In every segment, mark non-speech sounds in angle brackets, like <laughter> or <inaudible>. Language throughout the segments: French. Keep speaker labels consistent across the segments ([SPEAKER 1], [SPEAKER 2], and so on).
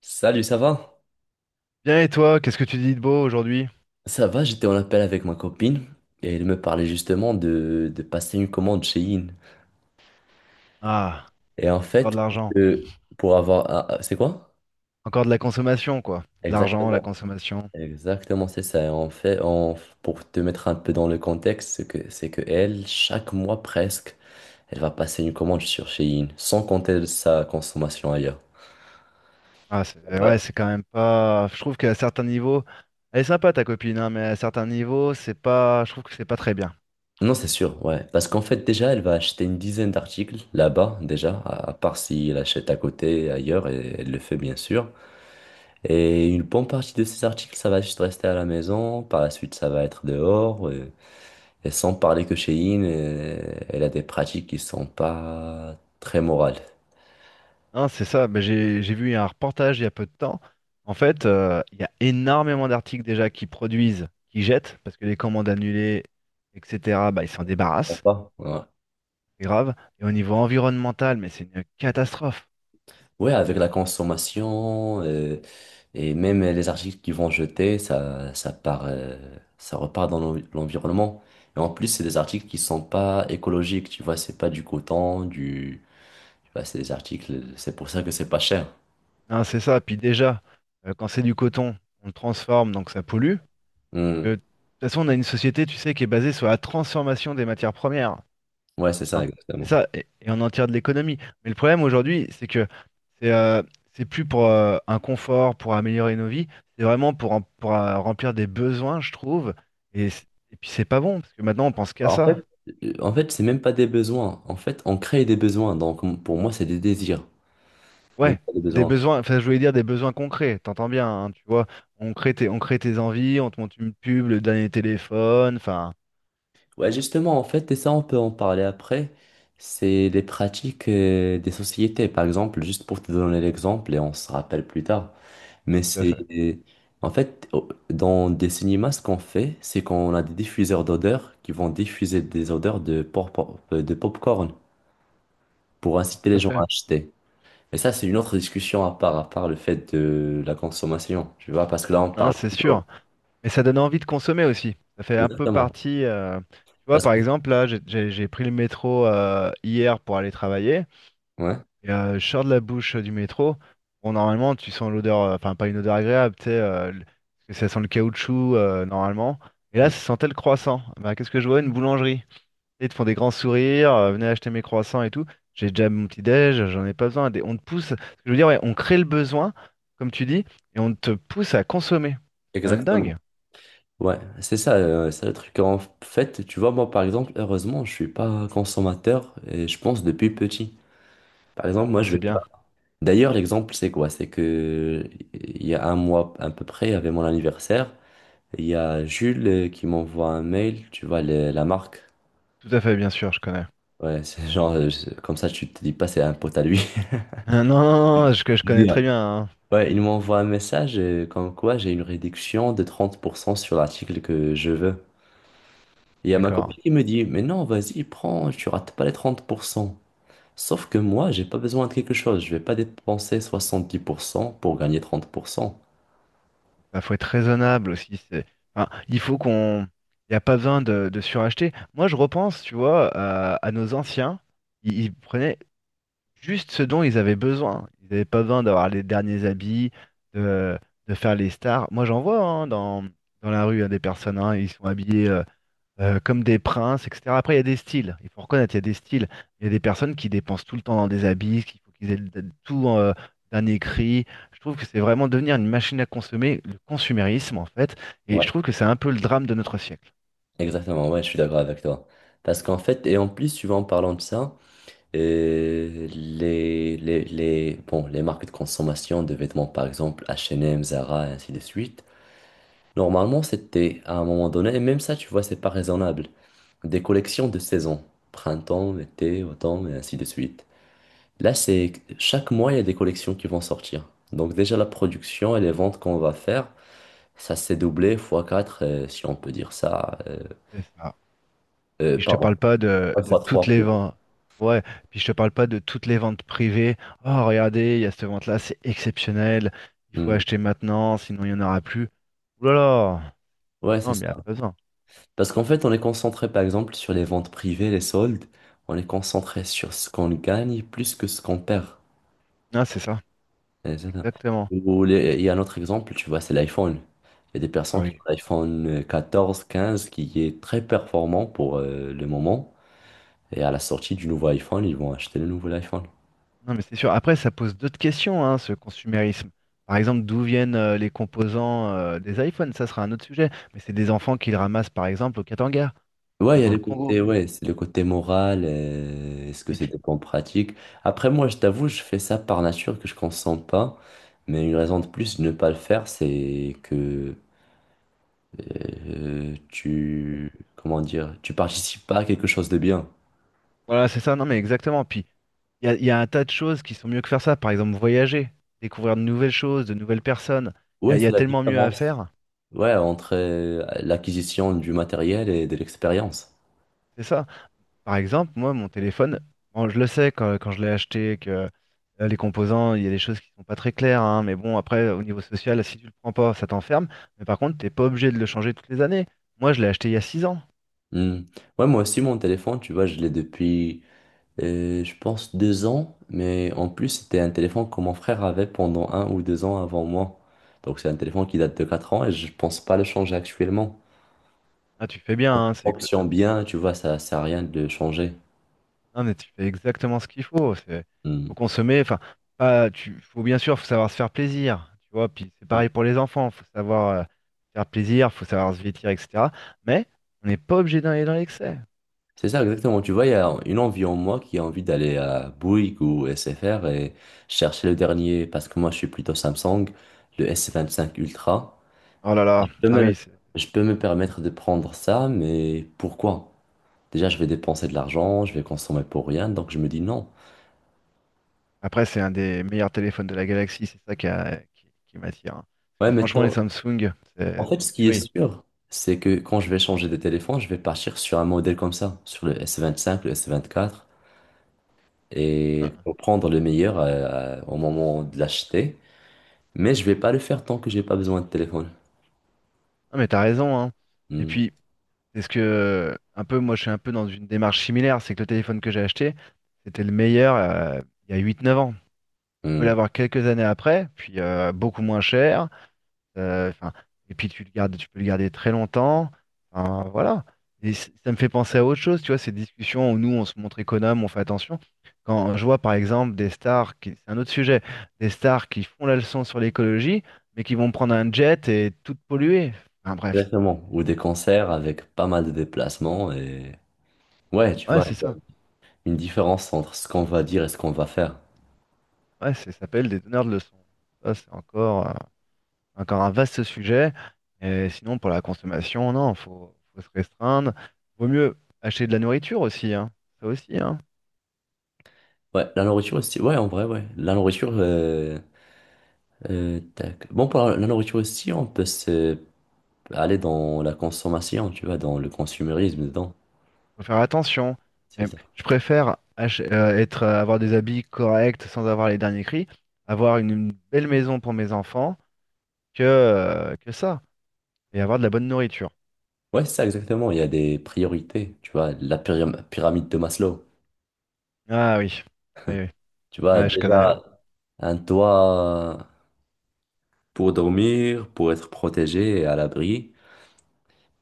[SPEAKER 1] Salut, ça va?
[SPEAKER 2] Bien et toi, qu'est-ce que tu dis de beau aujourd'hui?
[SPEAKER 1] Ça va, j'étais en appel avec ma copine et elle me parlait justement de passer une commande chez In.
[SPEAKER 2] Ah,
[SPEAKER 1] Et en
[SPEAKER 2] encore de
[SPEAKER 1] fait,
[SPEAKER 2] l'argent.
[SPEAKER 1] pour avoir... C'est quoi?
[SPEAKER 2] Encore de la consommation, quoi. De l'argent, la
[SPEAKER 1] Exactement.
[SPEAKER 2] consommation.
[SPEAKER 1] Exactement, c'est ça. En fait, pour te mettre un peu dans le contexte, c'est que elle, chaque mois presque, elle va passer une commande sur Shein, sans compter sa consommation ailleurs.
[SPEAKER 2] Ah, c'est
[SPEAKER 1] Ouais.
[SPEAKER 2] ouais, c'est quand même pas. Je trouve qu'à certains niveaux, elle est sympa ta copine, hein, mais à certains niveaux, c'est pas. Je trouve que c'est pas très bien.
[SPEAKER 1] Non, c'est sûr, ouais. Parce qu'en fait, déjà, elle va acheter une dizaine d'articles là-bas, déjà, à part si elle achète à côté, ailleurs, et elle le fait bien sûr. Et une bonne partie de ces articles, ça va juste rester à la maison. Par la suite, ça va être dehors. Et, sans parler que chez In, elle a des pratiques qui sont pas très morales.
[SPEAKER 2] Hein, c'est ça. Ben, j'ai vu un reportage il y a peu de temps. En fait, il y a énormément d'articles déjà qui produisent, qui jettent, parce que les commandes annulées, etc. Bah, ils s'en
[SPEAKER 1] Bon,
[SPEAKER 2] débarrassent.
[SPEAKER 1] pas, ouais.
[SPEAKER 2] C'est grave. Et au niveau environnemental, mais c'est une catastrophe.
[SPEAKER 1] Ouais, avec la consommation et même les articles qu'ils vont jeter, ça part, ça repart dans l'environnement. Et en plus, c'est des articles qui sont pas écologiques. Tu vois, c'est pas du coton, du, tu vois, c'est des articles. C'est pour ça que c'est pas cher.
[SPEAKER 2] Non, c'est ça. Puis déjà, quand c'est du coton, on le transforme, donc ça pollue. Que, de
[SPEAKER 1] Hmm.
[SPEAKER 2] toute façon, on a une société, tu sais, qui est basée sur la transformation des matières premières,
[SPEAKER 1] Ouais, c'est ça,
[SPEAKER 2] hein. C'est
[SPEAKER 1] exactement.
[SPEAKER 2] ça, et on en tire de l'économie. Mais le problème aujourd'hui, c'est que c'est euh, c'est plus pour un confort, pour améliorer nos vies, c'est vraiment pour, remplir des besoins, je trouve. Et, c- et puis c'est pas bon, parce que maintenant on pense qu'à
[SPEAKER 1] En
[SPEAKER 2] ça.
[SPEAKER 1] fait, en fait, c'est même pas des besoins. En fait, on crée des besoins. Donc, pour moi, c'est des désirs, même
[SPEAKER 2] Ouais,
[SPEAKER 1] pas des
[SPEAKER 2] c'est des
[SPEAKER 1] besoins.
[SPEAKER 2] besoins, enfin je voulais dire des besoins concrets, t'entends bien, hein, tu vois. On crée tes envies, on te monte une pub, le dernier téléphone, enfin.
[SPEAKER 1] Ouais, justement, en fait, et ça, on peut en parler après. C'est les pratiques des sociétés, par exemple, juste pour te donner l'exemple, et on se rappelle plus tard. Mais
[SPEAKER 2] Tout à fait,
[SPEAKER 1] c'est, en fait, dans des cinémas, ce qu'on fait, c'est qu'on a des diffuseurs d'odeurs qui vont diffuser des odeurs de popcorn pour inciter
[SPEAKER 2] tout
[SPEAKER 1] les
[SPEAKER 2] à
[SPEAKER 1] gens à
[SPEAKER 2] fait.
[SPEAKER 1] acheter. Mais ça, c'est une autre discussion à part le fait de la consommation, tu vois, parce que là, on
[SPEAKER 2] Non,
[SPEAKER 1] parle.
[SPEAKER 2] c'est sûr. Mais ça donne envie de consommer aussi. Ça fait un peu
[SPEAKER 1] Exactement.
[SPEAKER 2] partie. Tu vois,
[SPEAKER 1] Parce
[SPEAKER 2] par
[SPEAKER 1] que...
[SPEAKER 2] exemple, là, j'ai pris le métro hier pour aller travailler.
[SPEAKER 1] Ouais,
[SPEAKER 2] Et je sors de la bouche du métro. Bon, normalement, tu sens l'odeur, enfin, pas une odeur agréable, tu sais, parce que ça sent le caoutchouc, normalement. Et là,
[SPEAKER 1] Mm.
[SPEAKER 2] ça sentait le croissant. Bah, qu'est-ce que je vois? Une boulangerie. Ils te font des grands sourires, venez acheter mes croissants et tout. J'ai déjà mon petit-déj, j'en ai pas besoin. On te pousse, ce que je veux dire, ouais, on crée le besoin, comme tu dis, et on te pousse à consommer. C'est quand même
[SPEAKER 1] Exactement.
[SPEAKER 2] dingue.
[SPEAKER 1] Ouais, c'est ça, c'est le truc. En fait, tu vois, moi, par exemple, heureusement, je suis pas consommateur et je pense depuis petit. Par exemple, moi,
[SPEAKER 2] Ah,
[SPEAKER 1] je
[SPEAKER 2] c'est
[SPEAKER 1] vais pas.
[SPEAKER 2] bien.
[SPEAKER 1] D'ailleurs, l'exemple, c'est quoi? C'est que il y a un mois à peu près, il y avait mon anniversaire. Il y a Jules qui m'envoie un mail, tu vois, la marque.
[SPEAKER 2] Tout à fait, bien sûr, je connais. <laughs>
[SPEAKER 1] Ouais, c'est genre, comme ça, tu te dis pas, c'est un pote à lui.
[SPEAKER 2] Ah, non, non, non, je connais très
[SPEAKER 1] <laughs>
[SPEAKER 2] bien, hein.
[SPEAKER 1] Ouais, il m'envoie un message comme quoi j'ai une réduction de 30% sur l'article que je veux. Et il y a ma
[SPEAKER 2] D'accord.
[SPEAKER 1] copine qui me dit, mais non, vas-y, prends, tu rates pas les 30%. Sauf que moi, j'ai pas besoin de quelque chose. Je vais pas dépenser 70% pour gagner 30%.
[SPEAKER 2] Il faut être raisonnable aussi. Enfin, il faut qu'on. Il n'y a pas besoin de suracheter. Moi, je repense, tu vois, à nos anciens. Ils prenaient juste ce dont ils avaient besoin. Ils n'avaient pas besoin d'avoir les derniers habits, de, de faire les stars. Moi, j'en vois hein, dans, dans la rue hein, des personnes, hein, ils sont habillés comme des princes, etc. Après, il y a des styles. Il faut reconnaître, il y a des styles. Il y a des personnes qui dépensent tout le temps dans des habits, qu'il faut qu'ils aient le- tout d'un écrit. Je trouve que c'est vraiment devenir une machine à consommer, le consumérisme en fait. Et je
[SPEAKER 1] Ouais,
[SPEAKER 2] trouve que c'est un peu le drame de notre siècle.
[SPEAKER 1] exactement, ouais, je suis d'accord avec toi. Parce qu'en fait, et en plus, tu vois, en parlant de ça, bon, les marques de consommation de vêtements, par exemple, H&M, Zara, et ainsi de suite. Normalement, c'était à un moment donné, et même ça, tu vois, c'est pas raisonnable. Des collections de saisons, printemps, été, automne, et ainsi de suite. Là, c'est chaque mois, il y a des collections qui vont sortir. Donc déjà, la production et les ventes qu'on va faire, ça s'est doublé fois 4, si on peut dire ça.
[SPEAKER 2] C'est ça. Puis je te
[SPEAKER 1] Pardon,
[SPEAKER 2] parle pas de, de
[SPEAKER 1] fois
[SPEAKER 2] toutes
[SPEAKER 1] 3
[SPEAKER 2] les
[SPEAKER 1] plus.
[SPEAKER 2] ventes. Ouais, puis je te parle pas de toutes les ventes privées. Oh, regardez, il y a cette vente-là, c'est exceptionnel. Il faut
[SPEAKER 1] Hmm.
[SPEAKER 2] acheter maintenant, sinon il n'y en aura plus. Ouh là là!
[SPEAKER 1] Ouais,
[SPEAKER 2] Non,
[SPEAKER 1] c'est
[SPEAKER 2] mais
[SPEAKER 1] ça.
[SPEAKER 2] il n'y a pas besoin.
[SPEAKER 1] Parce qu'en fait, on est concentré, par exemple, sur les ventes privées, les soldes. On est concentré sur ce qu'on gagne plus que ce qu'on perd.
[SPEAKER 2] Non, c'est ça.
[SPEAKER 1] Ouais, c'est ça.
[SPEAKER 2] Exactement.
[SPEAKER 1] Ou il y a un autre exemple, tu vois, c'est l'iPhone. Il y a des
[SPEAKER 2] Ah
[SPEAKER 1] personnes qui ont
[SPEAKER 2] oui.
[SPEAKER 1] l'iPhone 14 15 qui est très performant pour le moment. Et à la sortie du nouveau iPhone, ils vont acheter le nouvel iPhone.
[SPEAKER 2] Non, mais c'est sûr. Après, ça pose d'autres questions, hein, ce consumérisme. Par exemple, d'où viennent les composants des iPhones? Ça sera un autre sujet. Mais c'est des enfants qui le ramassent, par exemple, au Katanga,
[SPEAKER 1] Ouais, il y a
[SPEAKER 2] dans
[SPEAKER 1] le
[SPEAKER 2] le Congo.
[SPEAKER 1] côté, ouais, c'est le côté moral. Est-ce que c'est
[SPEAKER 2] Et.
[SPEAKER 1] des bonnes pratiques? Après, moi, je t'avoue, je fais ça par nature que je consomme pas. Mais une raison de plus de ne pas le faire, c'est que euh, tu, comment dire, tu participes pas à quelque chose de bien.
[SPEAKER 2] Voilà, c'est ça. Non, mais exactement. Puis il y a, il y a un tas de choses qui sont mieux que faire ça. Par exemple, voyager, découvrir de nouvelles choses, de nouvelles personnes.
[SPEAKER 1] Ouais,
[SPEAKER 2] Il y
[SPEAKER 1] c'est
[SPEAKER 2] a
[SPEAKER 1] la
[SPEAKER 2] tellement mieux à
[SPEAKER 1] différence.
[SPEAKER 2] faire.
[SPEAKER 1] Ouais, entre l'acquisition du matériel et de l'expérience.
[SPEAKER 2] C'est ça. Par exemple, moi, mon téléphone, bon, je le sais quand, quand je l'ai acheté, que les composants, il y a des choses qui sont pas très claires, hein, mais bon, après, au niveau social, si tu le prends pas, ça t'enferme. Mais par contre, t'es pas obligé de le changer toutes les années. Moi, je l'ai acheté il y a 6 ans.
[SPEAKER 1] Hmm. Ouais, moi aussi, mon téléphone, tu vois, je l'ai depuis, je pense, 2 ans. Mais en plus, c'était un téléphone que mon frère avait pendant 1 ou 2 ans avant moi. Donc, c'est un téléphone qui date de 4 ans et je pense pas le changer actuellement.
[SPEAKER 2] Ah, tu fais bien,
[SPEAKER 1] Quand
[SPEAKER 2] hein,
[SPEAKER 1] il fonctionne bien, tu vois, ça sert à rien de le changer.
[SPEAKER 2] non, mais tu fais exactement ce qu'il faut.
[SPEAKER 1] Hmm.
[SPEAKER 2] Faut consommer. Enfin, pas, tu, faut bien sûr, faut savoir se faire plaisir. Tu vois, puis c'est pareil pour les enfants. Faut savoir faire plaisir, faut savoir se vêtir, etc. Mais on n'est pas obligé d'aller dans l'excès.
[SPEAKER 1] C'est ça, exactement. Tu vois, il y a une envie en moi qui a envie d'aller à Bouygues ou SFR et chercher le dernier, parce que moi, je suis plutôt Samsung, le S25 Ultra.
[SPEAKER 2] Oh là là.
[SPEAKER 1] Je peux
[SPEAKER 2] Ah oui.
[SPEAKER 1] me, je peux me permettre de prendre ça, mais pourquoi? Déjà, je vais dépenser de l'argent, je vais consommer pour rien, donc je me dis non.
[SPEAKER 2] Après, c'est un des meilleurs téléphones de la galaxie. C'est ça qui, qui m'attire, hein.
[SPEAKER 1] Ouais,
[SPEAKER 2] Parce que
[SPEAKER 1] mais
[SPEAKER 2] franchement, les Samsung,
[SPEAKER 1] en
[SPEAKER 2] c'est
[SPEAKER 1] fait,
[SPEAKER 2] c'est une
[SPEAKER 1] ce qui est
[SPEAKER 2] tuerie.
[SPEAKER 1] sûr, c'est que quand je vais changer de téléphone, je vais partir sur un modèle comme ça, sur le S25, le S24, et
[SPEAKER 2] Non,
[SPEAKER 1] pour prendre le meilleur au moment de l'acheter. Mais je vais pas le faire tant que j'ai pas besoin de téléphone.
[SPEAKER 2] non, mais t'as raison, hein. Et
[SPEAKER 1] Hmm,
[SPEAKER 2] puis, c'est ce que, un peu, moi, je suis un peu dans une démarche similaire. C'est que le téléphone que j'ai acheté, c'était le meilleur il y a 8, 9 ans. Tu peux
[SPEAKER 1] hmm.
[SPEAKER 2] l'avoir quelques années après, puis beaucoup moins cher. euh, enfin, et puis tu le gardes, tu peux le garder très longtemps. Enfin, voilà. Ça me fait penser à autre chose, tu vois, ces discussions où nous, on se montre économe, on fait attention. Quand je vois, par exemple, des stars, qui, c'est un autre sujet, des stars qui font la leçon sur l'écologie, mais qui vont prendre un jet et tout polluer. Enfin, bref, c'est-
[SPEAKER 1] Exactement. Ou des concerts avec pas mal de déplacements et... Ouais, tu
[SPEAKER 2] ouais,
[SPEAKER 1] vois,
[SPEAKER 2] c'est
[SPEAKER 1] il y a
[SPEAKER 2] ça.
[SPEAKER 1] une différence entre ce qu'on va dire et ce qu'on va faire.
[SPEAKER 2] Ouais, ça s'appelle des donneurs de leçons. Ça, c'est encore, encore un vaste sujet. Et sinon, pour la consommation, non, faut se restreindre. Vaut mieux acheter de la nourriture aussi, hein. Ça aussi, hein.
[SPEAKER 1] Ouais, la nourriture aussi. Ouais, en vrai, ouais. La nourriture... tac. Bon, pour la nourriture aussi, on peut aller dans la consommation, tu vois, dans le consumérisme dedans.
[SPEAKER 2] Faut faire attention.
[SPEAKER 1] C'est
[SPEAKER 2] Mais
[SPEAKER 1] ça.
[SPEAKER 2] je préfère avoir des habits corrects sans avoir les derniers cris, avoir une belle maison pour mes enfants que ça. Et avoir de la bonne nourriture.
[SPEAKER 1] Ouais, c'est ça, exactement. Il y a des priorités, tu vois, la pyramide de Maslow.
[SPEAKER 2] Ah oui. Ah oui, oui.
[SPEAKER 1] Tu vois,
[SPEAKER 2] Ouais, je connais, ouais.
[SPEAKER 1] déjà, un toit, pour dormir, pour être protégé et à l'abri,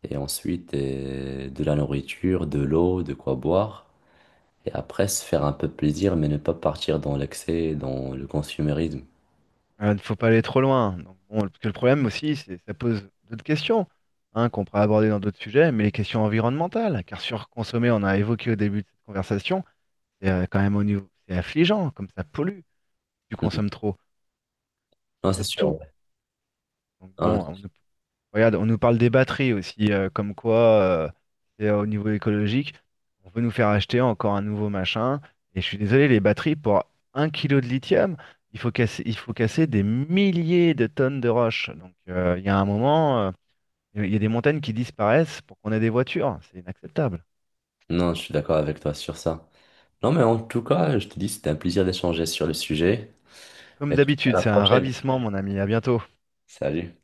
[SPEAKER 1] et ensuite de la nourriture, de l'eau, de quoi boire, et après se faire un peu plaisir, mais ne pas partir dans l'excès, et dans le consumérisme.
[SPEAKER 2] Il ne faut pas aller trop loin. Donc, bon, parce que le problème aussi, c'est ça pose d'autres questions hein, qu'on pourra aborder dans d'autres sujets, mais les questions environnementales. Car surconsommer, on a évoqué au début de cette conversation, c'est quand même au niveau, c'est affligeant, comme ça pollue. Tu
[SPEAKER 1] Mm.
[SPEAKER 2] consommes trop, que ce
[SPEAKER 1] Non, c'est
[SPEAKER 2] soit de
[SPEAKER 1] sûr.
[SPEAKER 2] tout.
[SPEAKER 1] Ouais.
[SPEAKER 2] Donc
[SPEAKER 1] Non,
[SPEAKER 2] bon, on ne. Regarde, on nous parle des batteries aussi, comme quoi, euh, c'est, au niveau écologique, on veut nous faire acheter encore un nouveau machin. Et je suis désolé, les batteries, pour 1 kilo de lithium, il faut casser des milliers de tonnes de roches. Donc, il y a un moment, il y a des montagnes qui disparaissent pour qu'on ait des voitures. C'est inacceptable.
[SPEAKER 1] non, je suis d'accord avec toi sur ça. Non, mais en tout cas, je te dis, c'était un plaisir d'échanger sur le sujet,
[SPEAKER 2] Comme
[SPEAKER 1] et je te dis à
[SPEAKER 2] d'habitude,
[SPEAKER 1] la
[SPEAKER 2] c'est un
[SPEAKER 1] prochaine.
[SPEAKER 2] ravissement, mon ami. À bientôt.
[SPEAKER 1] Salut.